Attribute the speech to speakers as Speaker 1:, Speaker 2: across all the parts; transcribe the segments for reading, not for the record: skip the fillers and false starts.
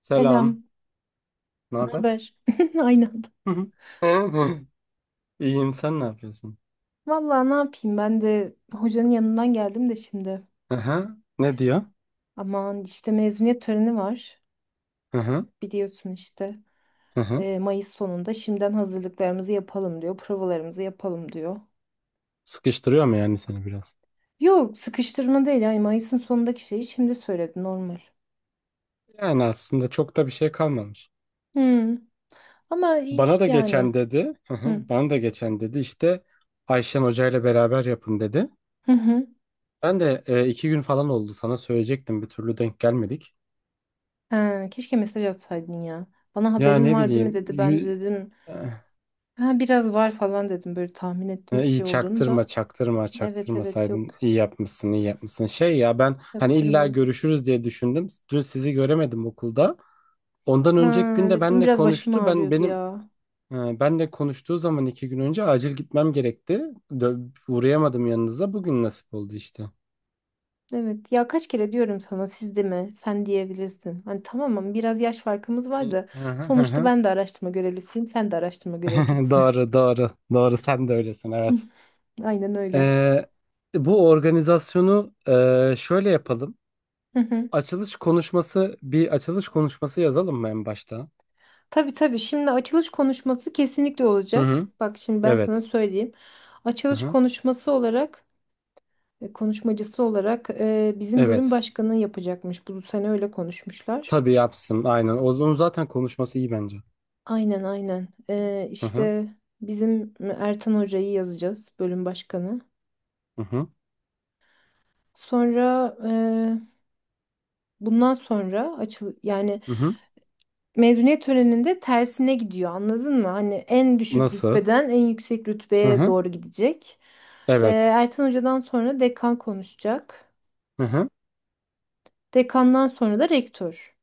Speaker 1: Selam.
Speaker 2: Selam,
Speaker 1: Ne
Speaker 2: ne
Speaker 1: haber?
Speaker 2: haber? Aynı anda.
Speaker 1: İyiyim. Sen ne yapıyorsun?
Speaker 2: Vallahi ne yapayım ben de hocanın yanından geldim de şimdi.
Speaker 1: Aha. Ne diyor?
Speaker 2: Aman işte mezuniyet töreni var.
Speaker 1: Aha.
Speaker 2: Biliyorsun işte.
Speaker 1: Aha.
Speaker 2: Mayıs sonunda şimdiden hazırlıklarımızı yapalım diyor. Provalarımızı yapalım diyor.
Speaker 1: Sıkıştırıyor mu yani seni biraz?
Speaker 2: Yok sıkıştırma değil. Yani Mayıs'ın sonundaki şeyi şimdi söyledi normal.
Speaker 1: Yani aslında çok da bir şey kalmamış.
Speaker 2: Hmm. Ama
Speaker 1: Bana
Speaker 2: hiç
Speaker 1: da
Speaker 2: yani.
Speaker 1: geçen dedi. Aha.
Speaker 2: Hı.
Speaker 1: Bana da geçen dedi. İşte Ayşen Hoca ile beraber yapın dedi.
Speaker 2: Hı hı.
Speaker 1: Ben de 2 gün falan oldu sana söyleyecektim. Bir türlü denk gelmedik.
Speaker 2: Ha, keşke mesaj atsaydın ya. Bana
Speaker 1: Ya
Speaker 2: haberin
Speaker 1: ne
Speaker 2: var değil mi
Speaker 1: bileyim.
Speaker 2: dedi. Ben de dedim. Ha, biraz var falan dedim. Böyle tahmin ettim bir şey
Speaker 1: İyi
Speaker 2: olduğunu da. Evet evet
Speaker 1: çaktırmasaydın
Speaker 2: yok.
Speaker 1: iyi yapmışsın iyi yapmışsın. Şey ya ben hani illa
Speaker 2: Yaktırmadım.
Speaker 1: görüşürüz diye düşündüm. Dün sizi göremedim okulda. Ondan
Speaker 2: Ha,
Speaker 1: önceki gün de
Speaker 2: evet dün
Speaker 1: benle
Speaker 2: biraz başım
Speaker 1: konuştu. Ben
Speaker 2: ağrıyordu
Speaker 1: benim
Speaker 2: ya.
Speaker 1: e, benle konuştuğu zaman 2 gün önce acil gitmem gerekti. Uğrayamadım yanınıza. Bugün nasip oldu işte.
Speaker 2: Evet ya kaç kere diyorum sana siz de mi? Sen diyebilirsin. Hani tamam ama biraz yaş farkımız
Speaker 1: Hı
Speaker 2: var da
Speaker 1: hı hı
Speaker 2: sonuçta
Speaker 1: hı.
Speaker 2: ben de araştırma görevlisiyim. Sen de araştırma görevlisisin.
Speaker 1: Doğru doğru doğru sen de öylesin evet.
Speaker 2: Aynen öyle.
Speaker 1: Ee, Bu organizasyonu şöyle yapalım.
Speaker 2: Hı hı.
Speaker 1: Açılış konuşması bir açılış konuşması yazalım mı en başta?
Speaker 2: Tabii tabii. Şimdi açılış konuşması kesinlikle
Speaker 1: Hı
Speaker 2: olacak.
Speaker 1: hı.
Speaker 2: Bak şimdi ben sana
Speaker 1: Evet.
Speaker 2: söyleyeyim.
Speaker 1: Hı
Speaker 2: Açılış
Speaker 1: hı.
Speaker 2: konuşması olarak, konuşmacısı olarak bizim bölüm
Speaker 1: Evet.
Speaker 2: başkanı yapacakmış. Bu sene öyle konuşmuşlar.
Speaker 1: Tabii yapsın. Aynen. Onun zaten konuşması iyi bence.
Speaker 2: Aynen aynen.
Speaker 1: Hı hı.
Speaker 2: İşte bizim Ertan Hoca'yı yazacağız bölüm başkanı.
Speaker 1: Hı hı.
Speaker 2: Sonra bundan sonra yani
Speaker 1: Hı hı.
Speaker 2: mezuniyet töreninde tersine gidiyor anladın mı? Hani en düşük
Speaker 1: Nasıl?
Speaker 2: rütbeden en yüksek
Speaker 1: Hı
Speaker 2: rütbeye
Speaker 1: hı.
Speaker 2: doğru gidecek.
Speaker 1: Evet.
Speaker 2: Ertan Hoca'dan sonra dekan konuşacak.
Speaker 1: Hı hı.
Speaker 2: Dekandan sonra da rektör.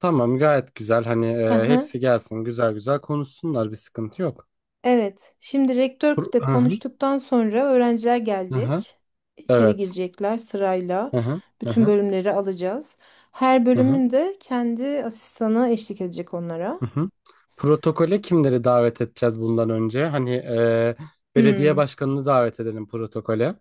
Speaker 1: Tamam, gayet güzel. Hani
Speaker 2: Aha.
Speaker 1: hepsi gelsin, güzel güzel konuşsunlar, bir sıkıntı yok.
Speaker 2: Evet. Şimdi rektör de
Speaker 1: Hı hı.
Speaker 2: konuştuktan sonra öğrenciler
Speaker 1: Hı hı.
Speaker 2: gelecek. İçeri
Speaker 1: Evet.
Speaker 2: girecekler sırayla.
Speaker 1: Hı hı. Hı
Speaker 2: Bütün
Speaker 1: hı.
Speaker 2: bölümleri alacağız. Her
Speaker 1: Hı hı.
Speaker 2: bölümün de kendi asistanı eşlik edecek onlara.
Speaker 1: Hı hı. Protokole kimleri davet edeceğiz bundan önce? Hani belediye
Speaker 2: Hmm,
Speaker 1: başkanını davet edelim protokole.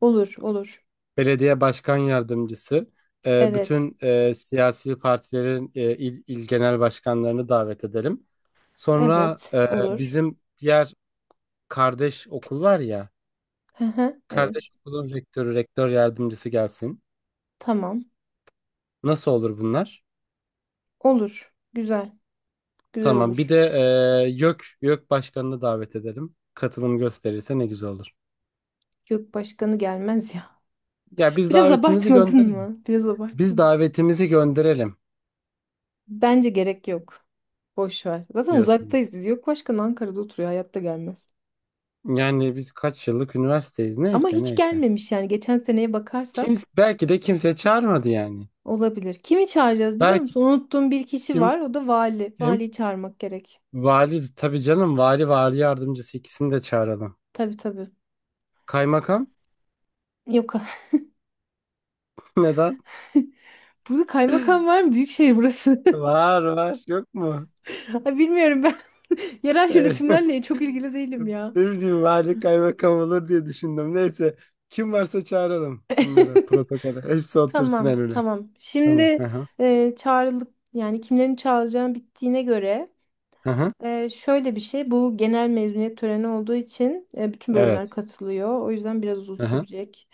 Speaker 2: olur, olur.
Speaker 1: Belediye başkan yardımcısı,
Speaker 2: Evet.
Speaker 1: bütün siyasi partilerin il genel başkanlarını davet edelim. Sonra
Speaker 2: Evet, olur.
Speaker 1: bizim diğer kardeş okul var ya,
Speaker 2: Hı hı, evet.
Speaker 1: kardeş okulun rektörü, rektör yardımcısı gelsin.
Speaker 2: Tamam.
Speaker 1: Nasıl olur bunlar?
Speaker 2: Olur. Güzel. Güzel
Speaker 1: Tamam. Bir
Speaker 2: olur.
Speaker 1: de YÖK başkanını davet edelim. Katılım gösterirse ne güzel olur.
Speaker 2: Yok başkanı gelmez ya.
Speaker 1: Ya biz
Speaker 2: Biraz
Speaker 1: davetimizi
Speaker 2: abartmadın
Speaker 1: gönderelim.
Speaker 2: mı? Biraz
Speaker 1: Biz
Speaker 2: abartmadın.
Speaker 1: davetimizi gönderelim
Speaker 2: Bence gerek yok. Boş ver. Zaten uzaktayız
Speaker 1: diyorsunuz.
Speaker 2: biz. Yok başkan Ankara'da oturuyor. Hayatta gelmez.
Speaker 1: Yani biz kaç yıllık üniversiteyiz?
Speaker 2: Ama
Speaker 1: Neyse
Speaker 2: hiç
Speaker 1: neyse.
Speaker 2: gelmemiş yani geçen seneye
Speaker 1: Kimse,
Speaker 2: bakarsak
Speaker 1: belki de kimse çağırmadı yani.
Speaker 2: olabilir. Kimi çağıracağız biliyor
Speaker 1: Belki
Speaker 2: musun? Unuttuğum bir kişi
Speaker 1: kim?
Speaker 2: var, o da vali.
Speaker 1: Kim?
Speaker 2: Valiyi çağırmak gerek.
Speaker 1: Vali tabii canım, vali, vali yardımcısı, ikisini de çağıralım.
Speaker 2: Tabii tabii.
Speaker 1: Kaymakam?
Speaker 2: Yok,
Speaker 1: Neden?
Speaker 2: burada kaymakam var mı? Büyükşehir burası.
Speaker 1: Var var, yok mu?
Speaker 2: Ay, bilmiyorum ben, yerel
Speaker 1: Öyle.
Speaker 2: yönetimlerle çok ilgili değilim ya.
Speaker 1: Ne bileyim, vali kaymakam olur diye düşündüm. Neyse, kim varsa çağıralım bunları protokole. Hepsi otursun en
Speaker 2: Tamam
Speaker 1: öne.
Speaker 2: tamam.
Speaker 1: Tamam.
Speaker 2: Şimdi
Speaker 1: Hı hı.
Speaker 2: çağrılık yani kimlerin çağıracağım bittiğine göre
Speaker 1: Hı hı.
Speaker 2: Şöyle bir şey, bu genel mezuniyet töreni olduğu için bütün
Speaker 1: Evet.
Speaker 2: bölümler katılıyor. O yüzden biraz uzun
Speaker 1: Hı hı.
Speaker 2: sürecek.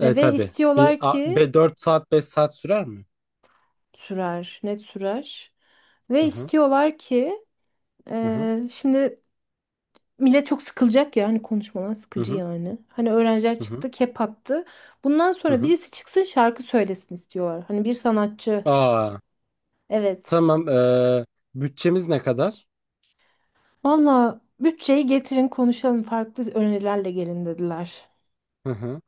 Speaker 1: E
Speaker 2: Ve
Speaker 1: tabii. Bir
Speaker 2: istiyorlar
Speaker 1: a,
Speaker 2: ki
Speaker 1: be 4 saat 5 saat sürer mi?
Speaker 2: sürer, net sürer. Ve
Speaker 1: Hı hı.
Speaker 2: istiyorlar ki
Speaker 1: Hı hı.
Speaker 2: şimdi millet çok sıkılacak ya, hani konuşmalar
Speaker 1: Hı
Speaker 2: sıkıcı
Speaker 1: hı.
Speaker 2: yani. Hani öğrenciler
Speaker 1: Hı hı.
Speaker 2: çıktı, kep attı. Bundan
Speaker 1: Hı
Speaker 2: sonra
Speaker 1: hı.
Speaker 2: birisi çıksın şarkı söylesin istiyorlar. Hani bir sanatçı.
Speaker 1: Aa,
Speaker 2: Evet.
Speaker 1: tamam. Bütçemiz ne kadar?
Speaker 2: Valla bütçeyi getirin konuşalım, farklı önerilerle gelin dediler.
Speaker 1: Hı hı.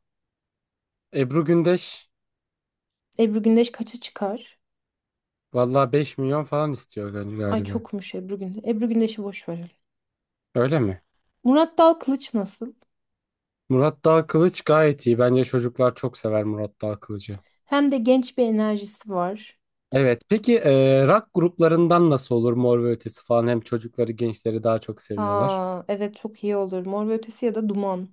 Speaker 1: Ebru Gündeş
Speaker 2: Ebru Gündeş kaça çıkar?
Speaker 1: vallahi 5 milyon falan istiyor
Speaker 2: Ay
Speaker 1: galiba.
Speaker 2: çokmuş Ebru Gündeş. Ebru Gündeş'i boş verelim.
Speaker 1: Öyle mi?
Speaker 2: Murat Dal Kılıç nasıl?
Speaker 1: Murat Dağ Kılıç gayet iyi. Bence çocuklar çok sever Murat Dağ Kılıcı.
Speaker 2: Hem de genç bir enerjisi var.
Speaker 1: Evet. Peki rock gruplarından nasıl olur, Mor ve Ötesi falan? Hem çocukları, gençleri daha çok seviyorlar.
Speaker 2: Aa evet, çok iyi olur. Mor ve Ötesi ya da Duman.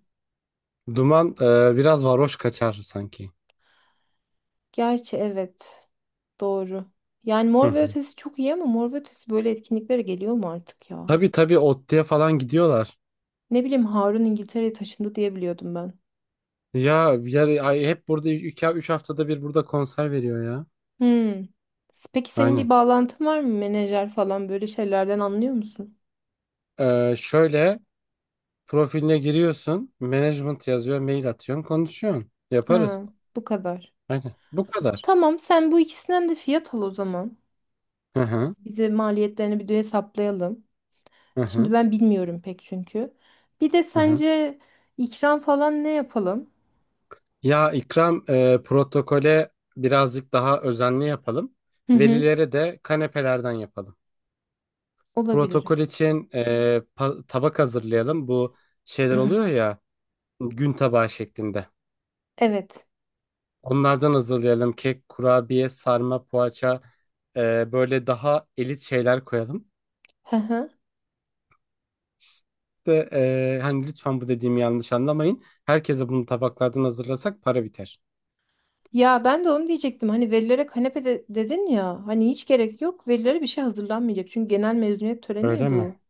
Speaker 1: Duman biraz varoş kaçar sanki.
Speaker 2: Gerçi evet. Doğru. Yani
Speaker 1: Hı
Speaker 2: Mor ve
Speaker 1: hı.
Speaker 2: Ötesi çok iyi ama Mor ve Ötesi böyle etkinliklere geliyor mu artık ya?
Speaker 1: Tabii tabii Otti'ye falan gidiyorlar.
Speaker 2: Ne bileyim, Harun İngiltere'ye taşındı diye biliyordum ben.
Speaker 1: Ya, ya ay, hep burada 2-3 haftada bir burada konser veriyor ya.
Speaker 2: Hmm. Peki senin bir
Speaker 1: Aynen.
Speaker 2: bağlantın var mı? Menajer falan, böyle şeylerden anlıyor musun?
Speaker 1: Şöyle, profiline giriyorsun, management yazıyor, mail atıyorsun, konuşuyorsun. Yaparız.
Speaker 2: Ha, bu kadar.
Speaker 1: Aynen. Bu kadar.
Speaker 2: Tamam sen bu ikisinden de fiyat al o zaman.
Speaker 1: Hı hı,
Speaker 2: Bize maliyetlerini bir de hesaplayalım.
Speaker 1: hı hı,
Speaker 2: Şimdi ben bilmiyorum pek çünkü. Bir de
Speaker 1: hı hı.
Speaker 2: sence ikram falan ne yapalım?
Speaker 1: Ya İkram protokole birazcık daha özenli yapalım.
Speaker 2: Hı hı.
Speaker 1: Velilere de kanepelerden yapalım.
Speaker 2: Olabilir.
Speaker 1: Protokol için tabak hazırlayalım. Bu şeyler oluyor ya, gün tabağı şeklinde.
Speaker 2: Evet.
Speaker 1: Onlardan hazırlayalım. Kek, kurabiye, sarma, poğaça, böyle daha elit şeyler koyalım.
Speaker 2: Hı hı.
Speaker 1: İşte hani lütfen bu dediğimi yanlış anlamayın. Herkese bunu tabaklardan hazırlasak para biter.
Speaker 2: Ya ben de onu diyecektim. Hani velilere dedin ya. Hani hiç gerek yok. Velilere bir şey hazırlanmayacak. Çünkü genel mezuniyet töreni ya
Speaker 1: Öyle mi?
Speaker 2: bu.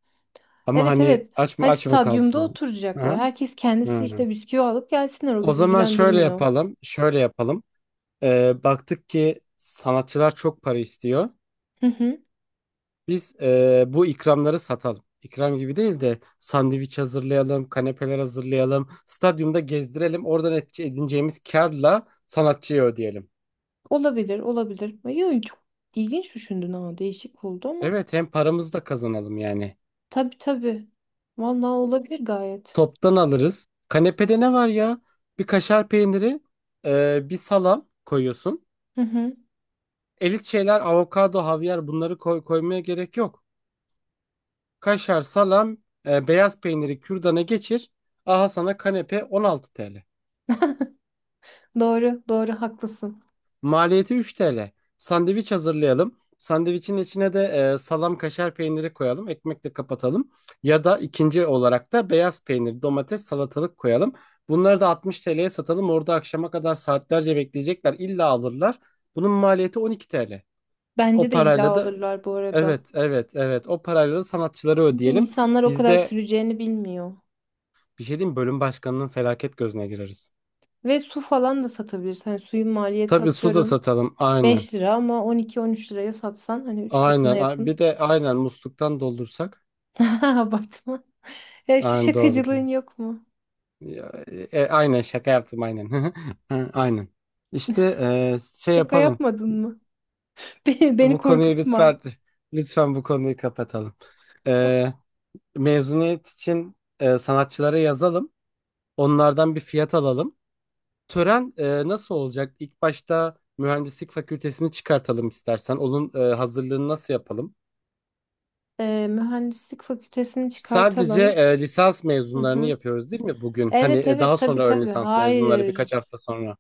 Speaker 1: Ama
Speaker 2: Evet
Speaker 1: hani
Speaker 2: evet.
Speaker 1: aç mı
Speaker 2: Hani
Speaker 1: aç mı
Speaker 2: stadyumda
Speaker 1: kalsınlar?
Speaker 2: oturacaklar.
Speaker 1: Aha.
Speaker 2: Herkes kendisi
Speaker 1: Hı.
Speaker 2: işte bisküvi alıp gelsinler. O
Speaker 1: O
Speaker 2: bizi
Speaker 1: zaman şöyle
Speaker 2: ilgilendirmiyor.
Speaker 1: yapalım. Şöyle yapalım. Baktık ki sanatçılar çok para istiyor.
Speaker 2: Hı hı.
Speaker 1: Biz bu ikramları satalım. İkram gibi değil de sandviç hazırlayalım, kanepeler hazırlayalım, stadyumda gezdirelim. Oradan edineceğimiz karla sanatçıya ödeyelim.
Speaker 2: Olabilir, olabilir. Yo, çok ilginç düşündün ha. Değişik oldu ama.
Speaker 1: Evet, hem paramızı da kazanalım yani.
Speaker 2: Tabii tabii. Vallahi olabilir gayet.
Speaker 1: Toptan alırız. Kanepede ne var ya? Bir kaşar peyniri, bir salam koyuyorsun.
Speaker 2: Hı hı.
Speaker 1: Elit şeyler avokado, havyar, bunları koymaya gerek yok. Kaşar, salam, beyaz peyniri kürdana geçir. Aha sana kanepe 16 TL.
Speaker 2: Doğru, doğru haklısın.
Speaker 1: Maliyeti 3 TL. Sandviç hazırlayalım. Sandviçin içine de salam, kaşar peyniri koyalım. Ekmekle kapatalım. Ya da ikinci olarak da beyaz peynir, domates, salatalık koyalım. Bunları da 60 TL'ye satalım. Orada akşama kadar saatlerce bekleyecekler. İlla alırlar. Bunun maliyeti 12 TL.
Speaker 2: Bence
Speaker 1: O
Speaker 2: de illa
Speaker 1: parayla da,
Speaker 2: alırlar bu arada.
Speaker 1: evet evet evet, o parayla da sanatçıları
Speaker 2: Çünkü
Speaker 1: ödeyelim.
Speaker 2: insanlar o
Speaker 1: Biz
Speaker 2: kadar
Speaker 1: de,
Speaker 2: süreceğini bilmiyor.
Speaker 1: bir şey diyeyim mi, bölüm başkanının felaket gözüne gireriz.
Speaker 2: Ve su falan da satabilirsin. Hani suyun maliyeti
Speaker 1: Tabii su da
Speaker 2: atıyorum
Speaker 1: satalım aynen.
Speaker 2: 5 lira, ama 12-13 liraya satsan hani 3 katına
Speaker 1: Aynen.
Speaker 2: yakın.
Speaker 1: Bir de aynen musluktan doldursak.
Speaker 2: Abartma. Ya şu
Speaker 1: Aynen doğrudur.
Speaker 2: şakacılığın yok mu?
Speaker 1: Ya, aynen şaka yaptım aynen. Ha, aynen. İşte şey
Speaker 2: Şaka
Speaker 1: yapalım.
Speaker 2: yapmadın mı? Beni
Speaker 1: Bu konuyu
Speaker 2: korkutma.
Speaker 1: lütfen, lütfen bu konuyu kapatalım.
Speaker 2: Tamam.
Speaker 1: E, mezuniyet için sanatçılara yazalım. Onlardan bir fiyat alalım. Tören nasıl olacak? İlk başta mühendislik fakültesini çıkartalım istersen. Onun hazırlığını nasıl yapalım?
Speaker 2: Mühendislik fakültesini
Speaker 1: Sadece
Speaker 2: çıkartalım.
Speaker 1: lisans
Speaker 2: Hı
Speaker 1: mezunlarını
Speaker 2: hı.
Speaker 1: yapıyoruz değil mi bugün? Hani
Speaker 2: Evet
Speaker 1: daha
Speaker 2: evet tabii
Speaker 1: sonra ön
Speaker 2: tabii.
Speaker 1: lisans mezunları birkaç
Speaker 2: Hayır.
Speaker 1: hafta sonra.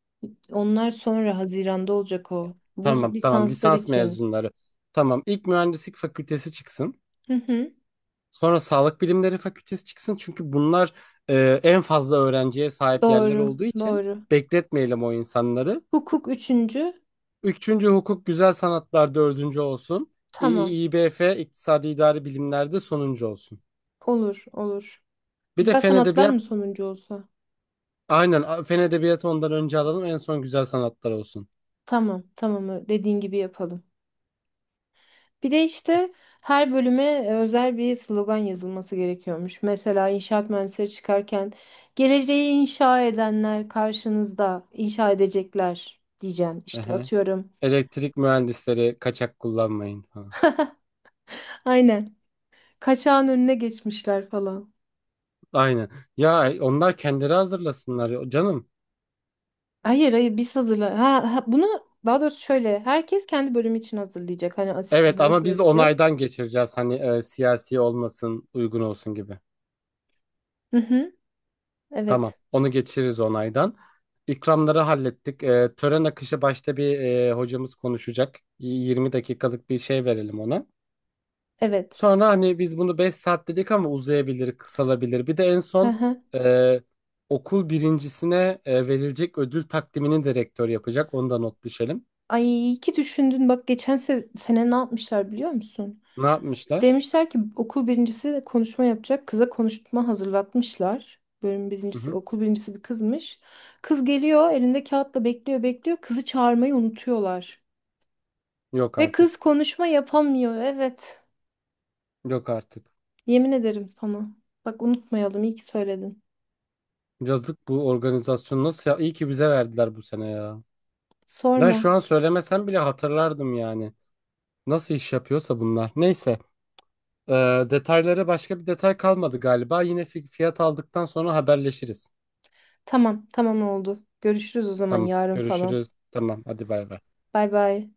Speaker 2: Onlar sonra Haziran'da olacak o. Bu
Speaker 1: Tamam tamam,
Speaker 2: lisanslar
Speaker 1: lisans
Speaker 2: için.
Speaker 1: mezunları. Tamam, ilk mühendislik fakültesi çıksın.
Speaker 2: Hı hı.
Speaker 1: Sonra sağlık bilimleri fakültesi çıksın. Çünkü bunlar en fazla öğrenciye sahip yerler
Speaker 2: Doğru,
Speaker 1: olduğu için
Speaker 2: doğru.
Speaker 1: bekletmeyelim o insanları.
Speaker 2: Hukuk üçüncü.
Speaker 1: Üçüncü hukuk, güzel sanatlar dördüncü olsun.
Speaker 2: Tamam.
Speaker 1: İBF, iktisadi idari bilimlerde sonuncu olsun.
Speaker 2: Olur, olur.
Speaker 1: Bir de
Speaker 2: Güzel
Speaker 1: fen
Speaker 2: sanatlar mı
Speaker 1: edebiyat,
Speaker 2: sonuncu olsa?
Speaker 1: aynen, fen edebiyatı ondan önce alalım, en son güzel sanatlar olsun.
Speaker 2: Tamam, tamam. Dediğin gibi yapalım. Bir de işte her bölüme özel bir slogan yazılması gerekiyormuş. Mesela inşaat mühendisleri çıkarken geleceği inşa edenler karşınızda inşa edecekler diyeceksin. İşte
Speaker 1: Ehe.
Speaker 2: atıyorum.
Speaker 1: Elektrik mühendisleri kaçak kullanmayın. Ha.
Speaker 2: Aynen. Kaçağın önüne geçmişler falan.
Speaker 1: Aynen. Ya onlar kendileri hazırlasınlar ya canım.
Speaker 2: Hayır hayır biz hazırla. Ha, ha, bunu daha doğrusu şöyle, herkes kendi bölümü için hazırlayacak. Hani
Speaker 1: Evet
Speaker 2: asistanlara
Speaker 1: ama biz
Speaker 2: söyleyeceğiz.
Speaker 1: onaydan geçireceğiz, hani siyasi olmasın, uygun olsun gibi.
Speaker 2: Hı hı.
Speaker 1: Tamam.
Speaker 2: Evet.
Speaker 1: Onu geçiririz onaydan. İkramları hallettik. Tören akışı, başta bir hocamız konuşacak. 20 dakikalık bir şey verelim ona.
Speaker 2: Evet.
Speaker 1: Sonra hani biz bunu 5 saat dedik ama uzayabilir, kısalabilir. Bir de en
Speaker 2: Hı
Speaker 1: son
Speaker 2: hı.
Speaker 1: e, okul birincisine verilecek ödül takdimini de rektör yapacak. Onu da not düşelim.
Speaker 2: Ay iyi ki düşündün. Bak geçen sene ne yapmışlar biliyor musun?
Speaker 1: Ne yapmışlar?
Speaker 2: Demişler ki okul birincisi konuşma yapacak. Kıza konuşma hazırlatmışlar. Bölüm
Speaker 1: Hı
Speaker 2: birincisi,
Speaker 1: hı.
Speaker 2: okul birincisi bir kızmış. Kız geliyor, elinde kağıtla bekliyor, bekliyor. Kızı çağırmayı unutuyorlar.
Speaker 1: Yok
Speaker 2: Ve kız
Speaker 1: artık.
Speaker 2: konuşma yapamıyor. Evet.
Speaker 1: Yok artık.
Speaker 2: Yemin ederim sana. Bak unutmayalım. İyi ki söyledin.
Speaker 1: Yazık, bu organizasyon nasıl ya? İyi ki bize verdiler bu sene ya. Ben şu
Speaker 2: Sorma.
Speaker 1: an söylemesem bile hatırlardım yani. Nasıl iş yapıyorsa bunlar. Neyse. Ee, detayları, başka bir detay kalmadı galiba. Yine fiyat aldıktan sonra haberleşiriz.
Speaker 2: Tamam, tamam oldu. Görüşürüz o zaman
Speaker 1: Tamam.
Speaker 2: yarın falan.
Speaker 1: Görüşürüz. Tamam. Hadi bay bay.
Speaker 2: Bay bay.